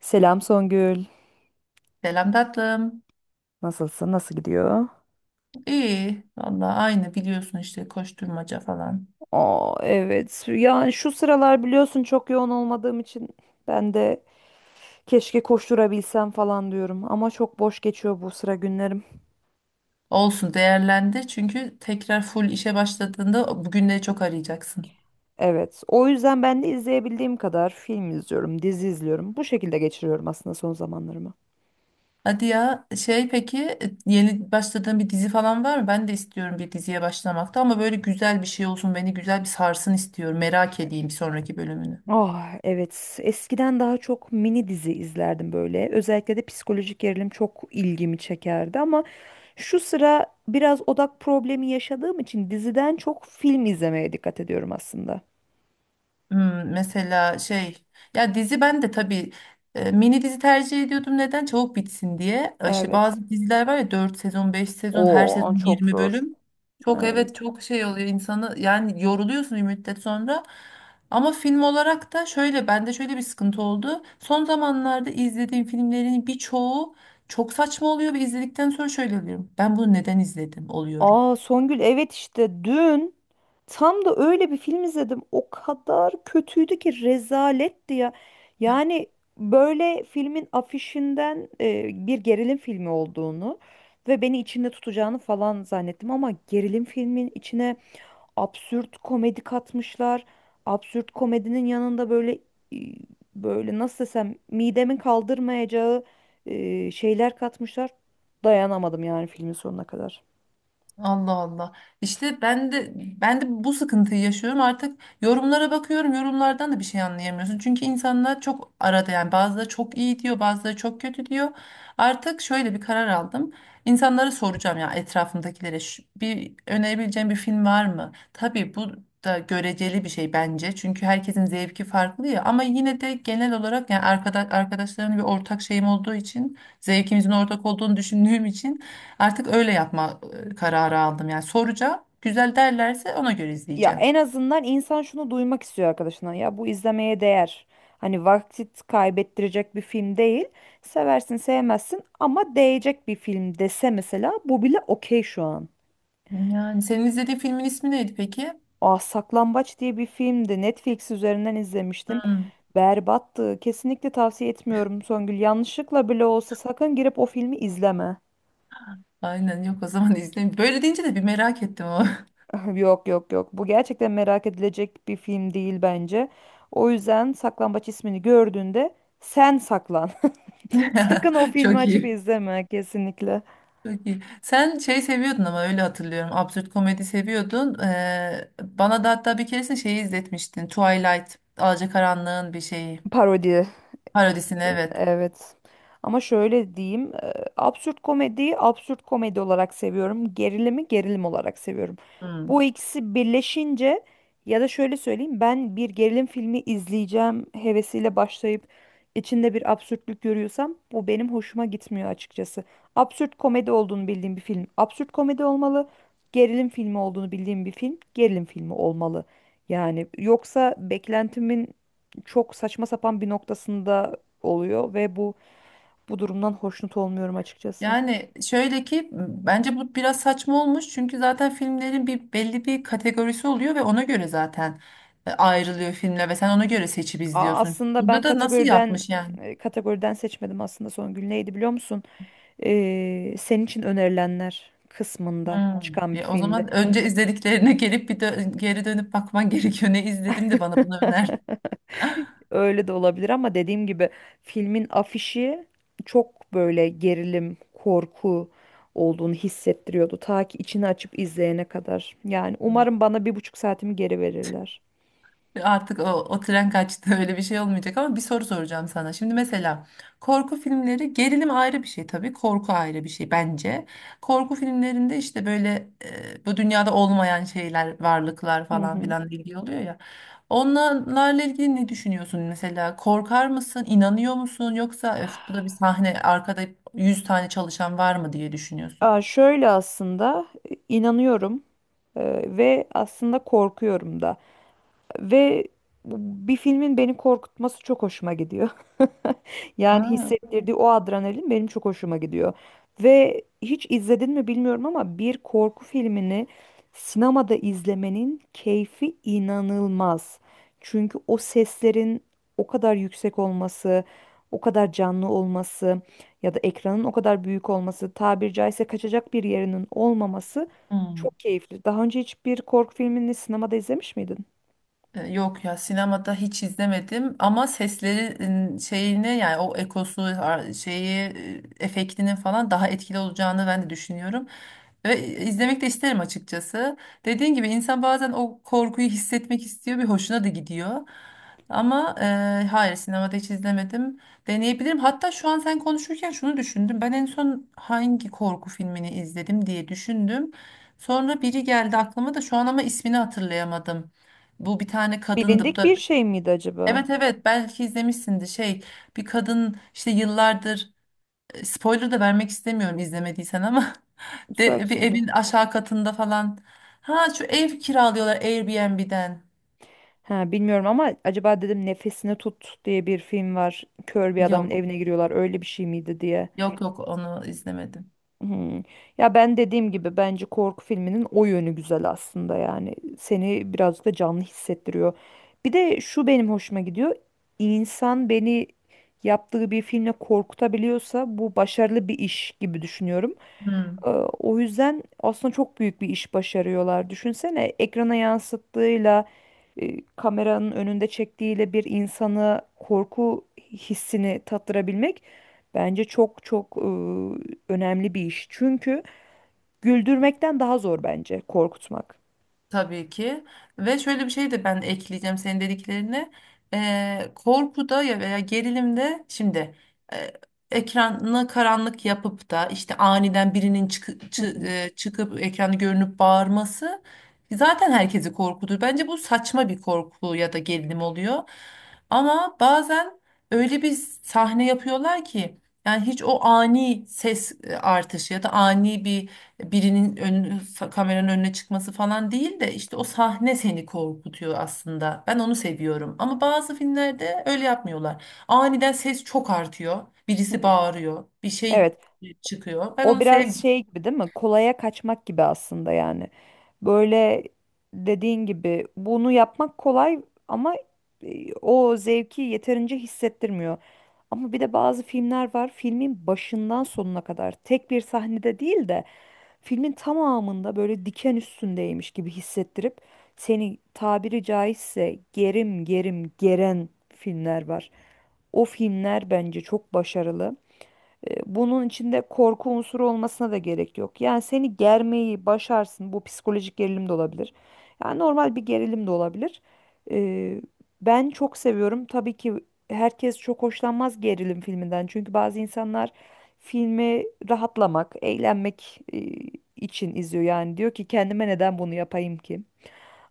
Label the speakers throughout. Speaker 1: Selam Songül.
Speaker 2: Selam tatlım.
Speaker 1: Nasılsın? Nasıl gidiyor?
Speaker 2: İyi. Vallahi aynı biliyorsun işte koşturmaca falan.
Speaker 1: Aa, evet. Yani şu sıralar biliyorsun çok yoğun olmadığım için ben de keşke koşturabilsem falan diyorum. Ama çok boş geçiyor bu sıra günlerim.
Speaker 2: Olsun değerlendi çünkü tekrar full işe başladığında bugünleri çok arayacaksın.
Speaker 1: Evet. O yüzden ben de izleyebildiğim kadar film izliyorum, dizi izliyorum. Bu şekilde geçiriyorum aslında son zamanlarımı.
Speaker 2: Hadi ya şey peki yeni başladığın bir dizi falan var mı? Ben de istiyorum bir diziye başlamakta ama böyle güzel bir şey olsun beni güzel bir sarsın istiyorum. Merak edeyim bir sonraki bölümünü.
Speaker 1: Ah, evet, eskiden daha çok mini dizi izlerdim, böyle özellikle de psikolojik gerilim çok ilgimi çekerdi, ama şu sıra biraz odak problemi yaşadığım için diziden çok film izlemeye dikkat ediyorum aslında.
Speaker 2: Hmm, mesela şey ya dizi ben de tabii mini dizi tercih ediyordum neden çabuk bitsin diye. İşte
Speaker 1: Evet.
Speaker 2: bazı diziler var ya 4 sezon 5 sezon her
Speaker 1: Oo, o
Speaker 2: sezon
Speaker 1: çok
Speaker 2: 20
Speaker 1: zor.
Speaker 2: bölüm. Çok
Speaker 1: Evet.
Speaker 2: evet çok şey oluyor insanı yani yoruluyorsun bir müddet sonra. Ama film olarak da şöyle bende şöyle bir sıkıntı oldu. Son zamanlarda izlediğim filmlerin birçoğu çok saçma oluyor ve izledikten sonra şöyle oluyorum. Ben bunu neden izledim oluyorum.
Speaker 1: Aa, Songül, evet, işte dün tam da öyle bir film izledim. O kadar kötüydü ki rezaletti ya. Yani böyle filmin afişinden bir gerilim filmi olduğunu ve beni içinde tutacağını falan zannettim, ama gerilim filmin içine absürt komedi katmışlar. Absürt komedinin yanında böyle e, böyle nasıl desem midemin kaldırmayacağı şeyler katmışlar. Dayanamadım yani filmin sonuna kadar.
Speaker 2: Allah Allah. İşte ben de bu sıkıntıyı yaşıyorum. Artık yorumlara bakıyorum. Yorumlardan da bir şey anlayamıyorsun. Çünkü insanlar çok arada yani bazıları çok iyi diyor, bazıları çok kötü diyor. Artık şöyle bir karar aldım. İnsanlara soracağım ya etrafımdakilere, "Şu- bir önerebileceğim bir film var mı?" Tabii bu da göreceli bir şey bence. Çünkü herkesin zevki farklı ya ama yine de genel olarak yani arkadaşlarımla bir ortak şeyim olduğu için, zevkimizin ortak olduğunu düşündüğüm için artık öyle yapma kararı aldım. Yani soracağım. Güzel derlerse ona göre
Speaker 1: Ya
Speaker 2: izleyeceğim.
Speaker 1: en azından insan şunu duymak istiyor arkadaşına. Ya bu izlemeye değer. Hani vakit kaybettirecek bir film değil. Seversin sevmezsin ama değecek bir film dese mesela bu bile okey şu an.
Speaker 2: Yani senin izlediğin filmin ismi neydi peki?
Speaker 1: Aa, Saklambaç diye bir filmdi. Netflix üzerinden izlemiştim.
Speaker 2: Hmm,
Speaker 1: Berbattı. Kesinlikle tavsiye etmiyorum Songül. Yanlışlıkla bile olsa sakın girip o filmi izleme.
Speaker 2: aynen yok o zaman izleyeyim. Böyle deyince de bir merak ettim o.
Speaker 1: Yok yok yok. Bu gerçekten merak edilecek bir film değil bence. O yüzden Saklambaç ismini gördüğünde sen saklan. Sakın o filmi
Speaker 2: Çok
Speaker 1: açıp
Speaker 2: iyi.
Speaker 1: izleme kesinlikle.
Speaker 2: Çok iyi. Sen şey seviyordun ama öyle hatırlıyorum. Absürt komedi seviyordun. Bana da hatta bir keresinde şeyi izletmiştin. Twilight, Alacakaranlığın bir şeyi.
Speaker 1: Parodi.
Speaker 2: Parodisini
Speaker 1: Film,
Speaker 2: evet.
Speaker 1: evet. Ama şöyle diyeyim, absürt komediyi absürt komedi olarak seviyorum. Gerilimi gerilim olarak seviyorum.
Speaker 2: Hmm.
Speaker 1: Bu ikisi birleşince ya da şöyle söyleyeyim, ben bir gerilim filmi izleyeceğim hevesiyle başlayıp içinde bir absürtlük görüyorsam bu benim hoşuma gitmiyor açıkçası. Absürt komedi olduğunu bildiğim bir film absürt komedi olmalı. Gerilim filmi olduğunu bildiğim bir film gerilim filmi olmalı. Yani yoksa beklentimin çok saçma sapan bir noktasında oluyor ve bu durumdan hoşnut olmuyorum açıkçası.
Speaker 2: Yani şöyle ki bence bu biraz saçma olmuş çünkü zaten filmlerin bir belli bir kategorisi oluyor ve ona göre zaten ayrılıyor filmler ve sen ona göre seçip izliyorsun.
Speaker 1: Aslında ben
Speaker 2: Burada da nasıl yapmış yani?
Speaker 1: kategoriden seçmedim, aslında son gün neydi biliyor musun? Senin için önerilenler kısmında
Speaker 2: Hmm.
Speaker 1: çıkan bir
Speaker 2: Ya o
Speaker 1: filmdi.
Speaker 2: zaman önce izlediklerine gelip geri dönüp bakman gerekiyor. Ne izledim de bana bunu öner.
Speaker 1: Öyle de olabilir ama dediğim gibi filmin afişi çok böyle gerilim, korku olduğunu hissettiriyordu. Ta ki içini açıp izleyene kadar. Yani umarım bana bir buçuk saatimi geri verirler.
Speaker 2: Artık o tren kaçtı, öyle bir şey olmayacak, ama bir soru soracağım sana. Şimdi mesela korku filmleri, gerilim ayrı bir şey tabii, korku ayrı bir şey bence. Korku filmlerinde işte böyle bu dünyada olmayan şeyler, varlıklar
Speaker 1: Hı
Speaker 2: falan
Speaker 1: hı.
Speaker 2: filan ilgili oluyor ya. Onlarla ilgili ne düşünüyorsun mesela? Korkar mısın, inanıyor musun, yoksa "Öf, bu da bir sahne arkada 100 tane çalışan var mı?" diye düşünüyorsun.
Speaker 1: Aa, şöyle aslında inanıyorum e, ve aslında korkuyorum da. Ve bir filmin beni korkutması çok hoşuma gidiyor. Yani
Speaker 2: Ha.
Speaker 1: hissettirdiği o adrenalin benim çok hoşuma gidiyor. Ve hiç izledin mi bilmiyorum ama bir korku filmini sinemada izlemenin keyfi inanılmaz. Çünkü o seslerin o kadar yüksek olması, o kadar canlı olması ya da ekranın o kadar büyük olması, tabir caizse kaçacak bir yerinin olmaması
Speaker 2: Hmm.
Speaker 1: çok keyifli. Daha önce hiçbir korku filmini sinemada izlemiş miydin?
Speaker 2: Yok ya, sinemada hiç izlemedim ama seslerin şeyine yani o ekosu şeyi efektinin falan daha etkili olacağını ben de düşünüyorum. Ve izlemek de isterim açıkçası. Dediğin gibi insan bazen o korkuyu hissetmek istiyor, bir hoşuna da gidiyor. Ama hayır, sinemada hiç izlemedim. Deneyebilirim. Hatta şu an sen konuşurken şunu düşündüm. Ben en son hangi korku filmini izledim diye düşündüm. Sonra biri geldi aklıma da şu an ama ismini hatırlayamadım. Bu bir tane kadındı. Bu
Speaker 1: Bilindik
Speaker 2: da
Speaker 1: bir şey miydi acaba?
Speaker 2: evet evet belki izlemişsindir şey, bir kadın işte yıllardır spoiler da vermek istemiyorum izlemediysen ama
Speaker 1: Söyle
Speaker 2: bir
Speaker 1: söyle.
Speaker 2: evin aşağı katında falan. Ha, şu ev kiralıyorlar Airbnb'den.
Speaker 1: Ha, bilmiyorum, ama acaba dedim Nefesini Tut diye bir film var. Kör bir adamın
Speaker 2: Yok
Speaker 1: evine giriyorlar, öyle bir şey miydi diye.
Speaker 2: yok yok, onu izlemedim.
Speaker 1: Hmm. Ya ben dediğim gibi bence korku filminin o yönü güzel aslında, yani seni birazcık da canlı hissettiriyor. Bir de şu benim hoşuma gidiyor. İnsan beni yaptığı bir filmle korkutabiliyorsa bu başarılı bir iş gibi düşünüyorum.
Speaker 2: Hmm.
Speaker 1: Ee, O yüzden aslında çok büyük bir iş başarıyorlar. Düşünsene ekrana yansıttığıyla kameranın önünde çektiğiyle bir insanı korku hissini tattırabilmek bence çok çok önemli bir iş. Çünkü güldürmekten daha zor bence korkutmak.
Speaker 2: Tabii ki. Ve şöyle bir şey de ben ekleyeceğim senin dediklerine. Korkuda ya veya gerilimde, şimdi e, ekranı karanlık yapıp da işte aniden birinin
Speaker 1: Hı hı.
Speaker 2: çıkıp ekranı görünüp bağırması zaten herkesi korkutur. Bence bu saçma bir korku ya da gerilim oluyor. Ama bazen öyle bir sahne yapıyorlar ki yani hiç o ani ses artışı ya da ani bir birinin kameranın önüne çıkması falan değil de işte o sahne seni korkutuyor aslında. Ben onu seviyorum. Ama bazı filmlerde öyle yapmıyorlar. Aniden ses çok artıyor. Birisi bağırıyor. Bir şey
Speaker 1: Evet.
Speaker 2: çıkıyor. Ben
Speaker 1: O
Speaker 2: onu
Speaker 1: biraz
Speaker 2: sevmiyorum.
Speaker 1: şey gibi değil mi? Kolaya kaçmak gibi aslında yani. Böyle dediğin gibi bunu yapmak kolay ama o zevki yeterince hissettirmiyor. Ama bir de bazı filmler var. Filmin başından sonuna kadar tek bir sahnede değil de filmin tamamında böyle diken üstündeymiş gibi hissettirip seni tabiri caizse gerim gerim geren filmler var. O filmler bence çok başarılı. Bunun içinde korku unsuru olmasına da gerek yok. Yani seni germeyi başarsın. Bu psikolojik gerilim de olabilir. Yani normal bir gerilim de olabilir. E, ben çok seviyorum. Tabii ki herkes çok hoşlanmaz gerilim filminden. Çünkü bazı insanlar filmi rahatlamak, eğlenmek için izliyor. Yani diyor ki kendime, neden bunu yapayım ki?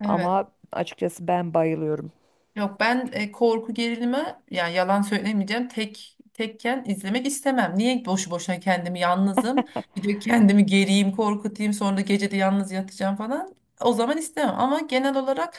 Speaker 2: Evet.
Speaker 1: Ama açıkçası ben bayılıyorum.
Speaker 2: Yok, ben korku gerilimi yani yalan söylemeyeceğim tek tekken izlemek istemem. Niye boşu boşuna kendimi yalnızım bir de kendimi geriyim korkutayım, sonra da gece de yalnız yatacağım falan, o zaman istemem. Ama genel olarak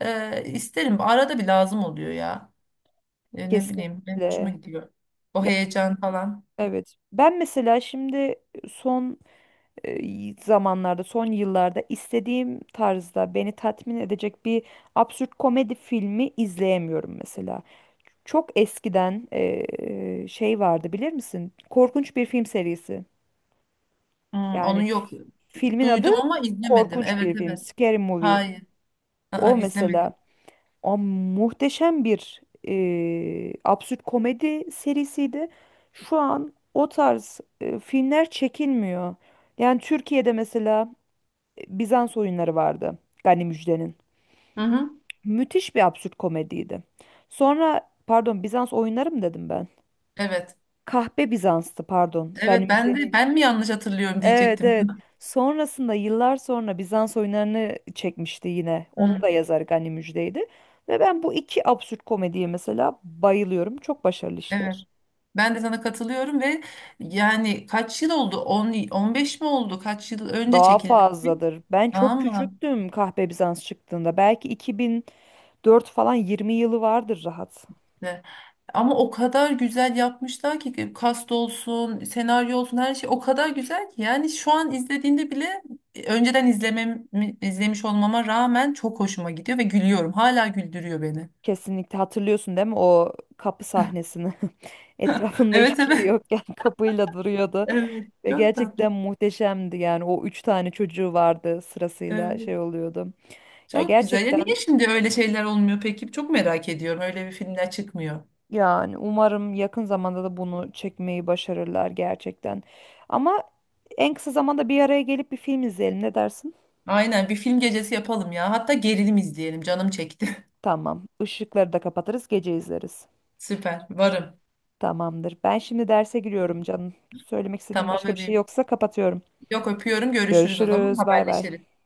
Speaker 2: isterim, arada bir lazım oluyor ya. Ne bileyim benim hoşuma
Speaker 1: Kesinlikle.
Speaker 2: gidiyor o
Speaker 1: Ya,
Speaker 2: heyecan falan.
Speaker 1: evet. Ben mesela şimdi son zamanlarda, son yıllarda istediğim tarzda beni tatmin edecek bir absürt komedi filmi izleyemiyorum mesela. Çok eskiden şey vardı, bilir misin? Korkunç bir film serisi.
Speaker 2: Hmm,
Speaker 1: Yani
Speaker 2: onu yok,
Speaker 1: filmin adı
Speaker 2: duydum ama izlemedim.
Speaker 1: Korkunç Bir
Speaker 2: Evet
Speaker 1: Film,
Speaker 2: evet,
Speaker 1: Scary Movie.
Speaker 2: hayır. Aa,
Speaker 1: O mesela
Speaker 2: izlemedim.
Speaker 1: o muhteşem bir absürt komedi serisiydi. Şu an o tarz filmler çekilmiyor. Yani Türkiye'de mesela Bizans Oyunları vardı, Gani Müjde'nin.
Speaker 2: Hı hı.
Speaker 1: Müthiş bir absürt komediydi. Sonra pardon, Bizans Oyunları mı dedim ben?
Speaker 2: Evet
Speaker 1: Kahpe Bizans'tı pardon. Gani
Speaker 2: evet, ben de
Speaker 1: Müjde'nin.
Speaker 2: "Ben mi yanlış hatırlıyorum?"
Speaker 1: Evet
Speaker 2: diyecektim.
Speaker 1: evet. Sonrasında yıllar sonra Bizans Oyunları'nı çekmişti yine. Onun
Speaker 2: Hı,
Speaker 1: da yazarı Gani Müjde'ydi. Ve ben bu iki absürt komediye mesela bayılıyorum. Çok başarılı
Speaker 2: evet.
Speaker 1: işler.
Speaker 2: Ben de sana katılıyorum ve yani kaç yıl oldu? 10, 15 mi oldu? Kaç yıl önce
Speaker 1: Daha
Speaker 2: çekildi bu film?
Speaker 1: fazladır. Ben çok
Speaker 2: Ama
Speaker 1: küçüktüm Kahpe Bizans çıktığında. Belki 2004 falan, 20 yılı vardır rahat.
Speaker 2: işte. Ama o kadar güzel yapmışlar ki, kast olsun, senaryo olsun her şey o kadar güzel ki yani şu an izlediğinde bile önceden izlemiş olmama rağmen çok hoşuma gidiyor ve gülüyorum. Hala güldürüyor beni.
Speaker 1: Kesinlikle hatırlıyorsun değil mi o kapı sahnesini? Etrafında
Speaker 2: Evet
Speaker 1: hiçbir şey
Speaker 2: evet.
Speaker 1: yokken kapıyla duruyordu
Speaker 2: Evet,
Speaker 1: ve
Speaker 2: çok tatlı.
Speaker 1: gerçekten muhteşemdi, yani o üç tane çocuğu vardı, sırasıyla
Speaker 2: Evet,
Speaker 1: şey oluyordu. Ya
Speaker 2: çok güzel. Ya
Speaker 1: gerçekten,
Speaker 2: niye şimdi öyle şeyler olmuyor peki? Çok merak ediyorum. Öyle bir filmler çıkmıyor.
Speaker 1: yani umarım yakın zamanda da bunu çekmeyi başarırlar gerçekten. Ama en kısa zamanda bir araya gelip bir film izleyelim, ne dersin?
Speaker 2: Aynen, bir film gecesi yapalım ya. Hatta gerilim izleyelim. Canım çekti.
Speaker 1: Tamam. Işıkları da kapatırız, gece izleriz.
Speaker 2: Süper. Varım.
Speaker 1: Tamamdır. Ben şimdi derse giriyorum canım. Söylemek istediğim
Speaker 2: Tamam
Speaker 1: başka bir şey
Speaker 2: bebeğim.
Speaker 1: yoksa kapatıyorum.
Speaker 2: Yok, öpüyorum. Görüşürüz o zaman.
Speaker 1: Görüşürüz. Bay bay.
Speaker 2: Haberleşiriz.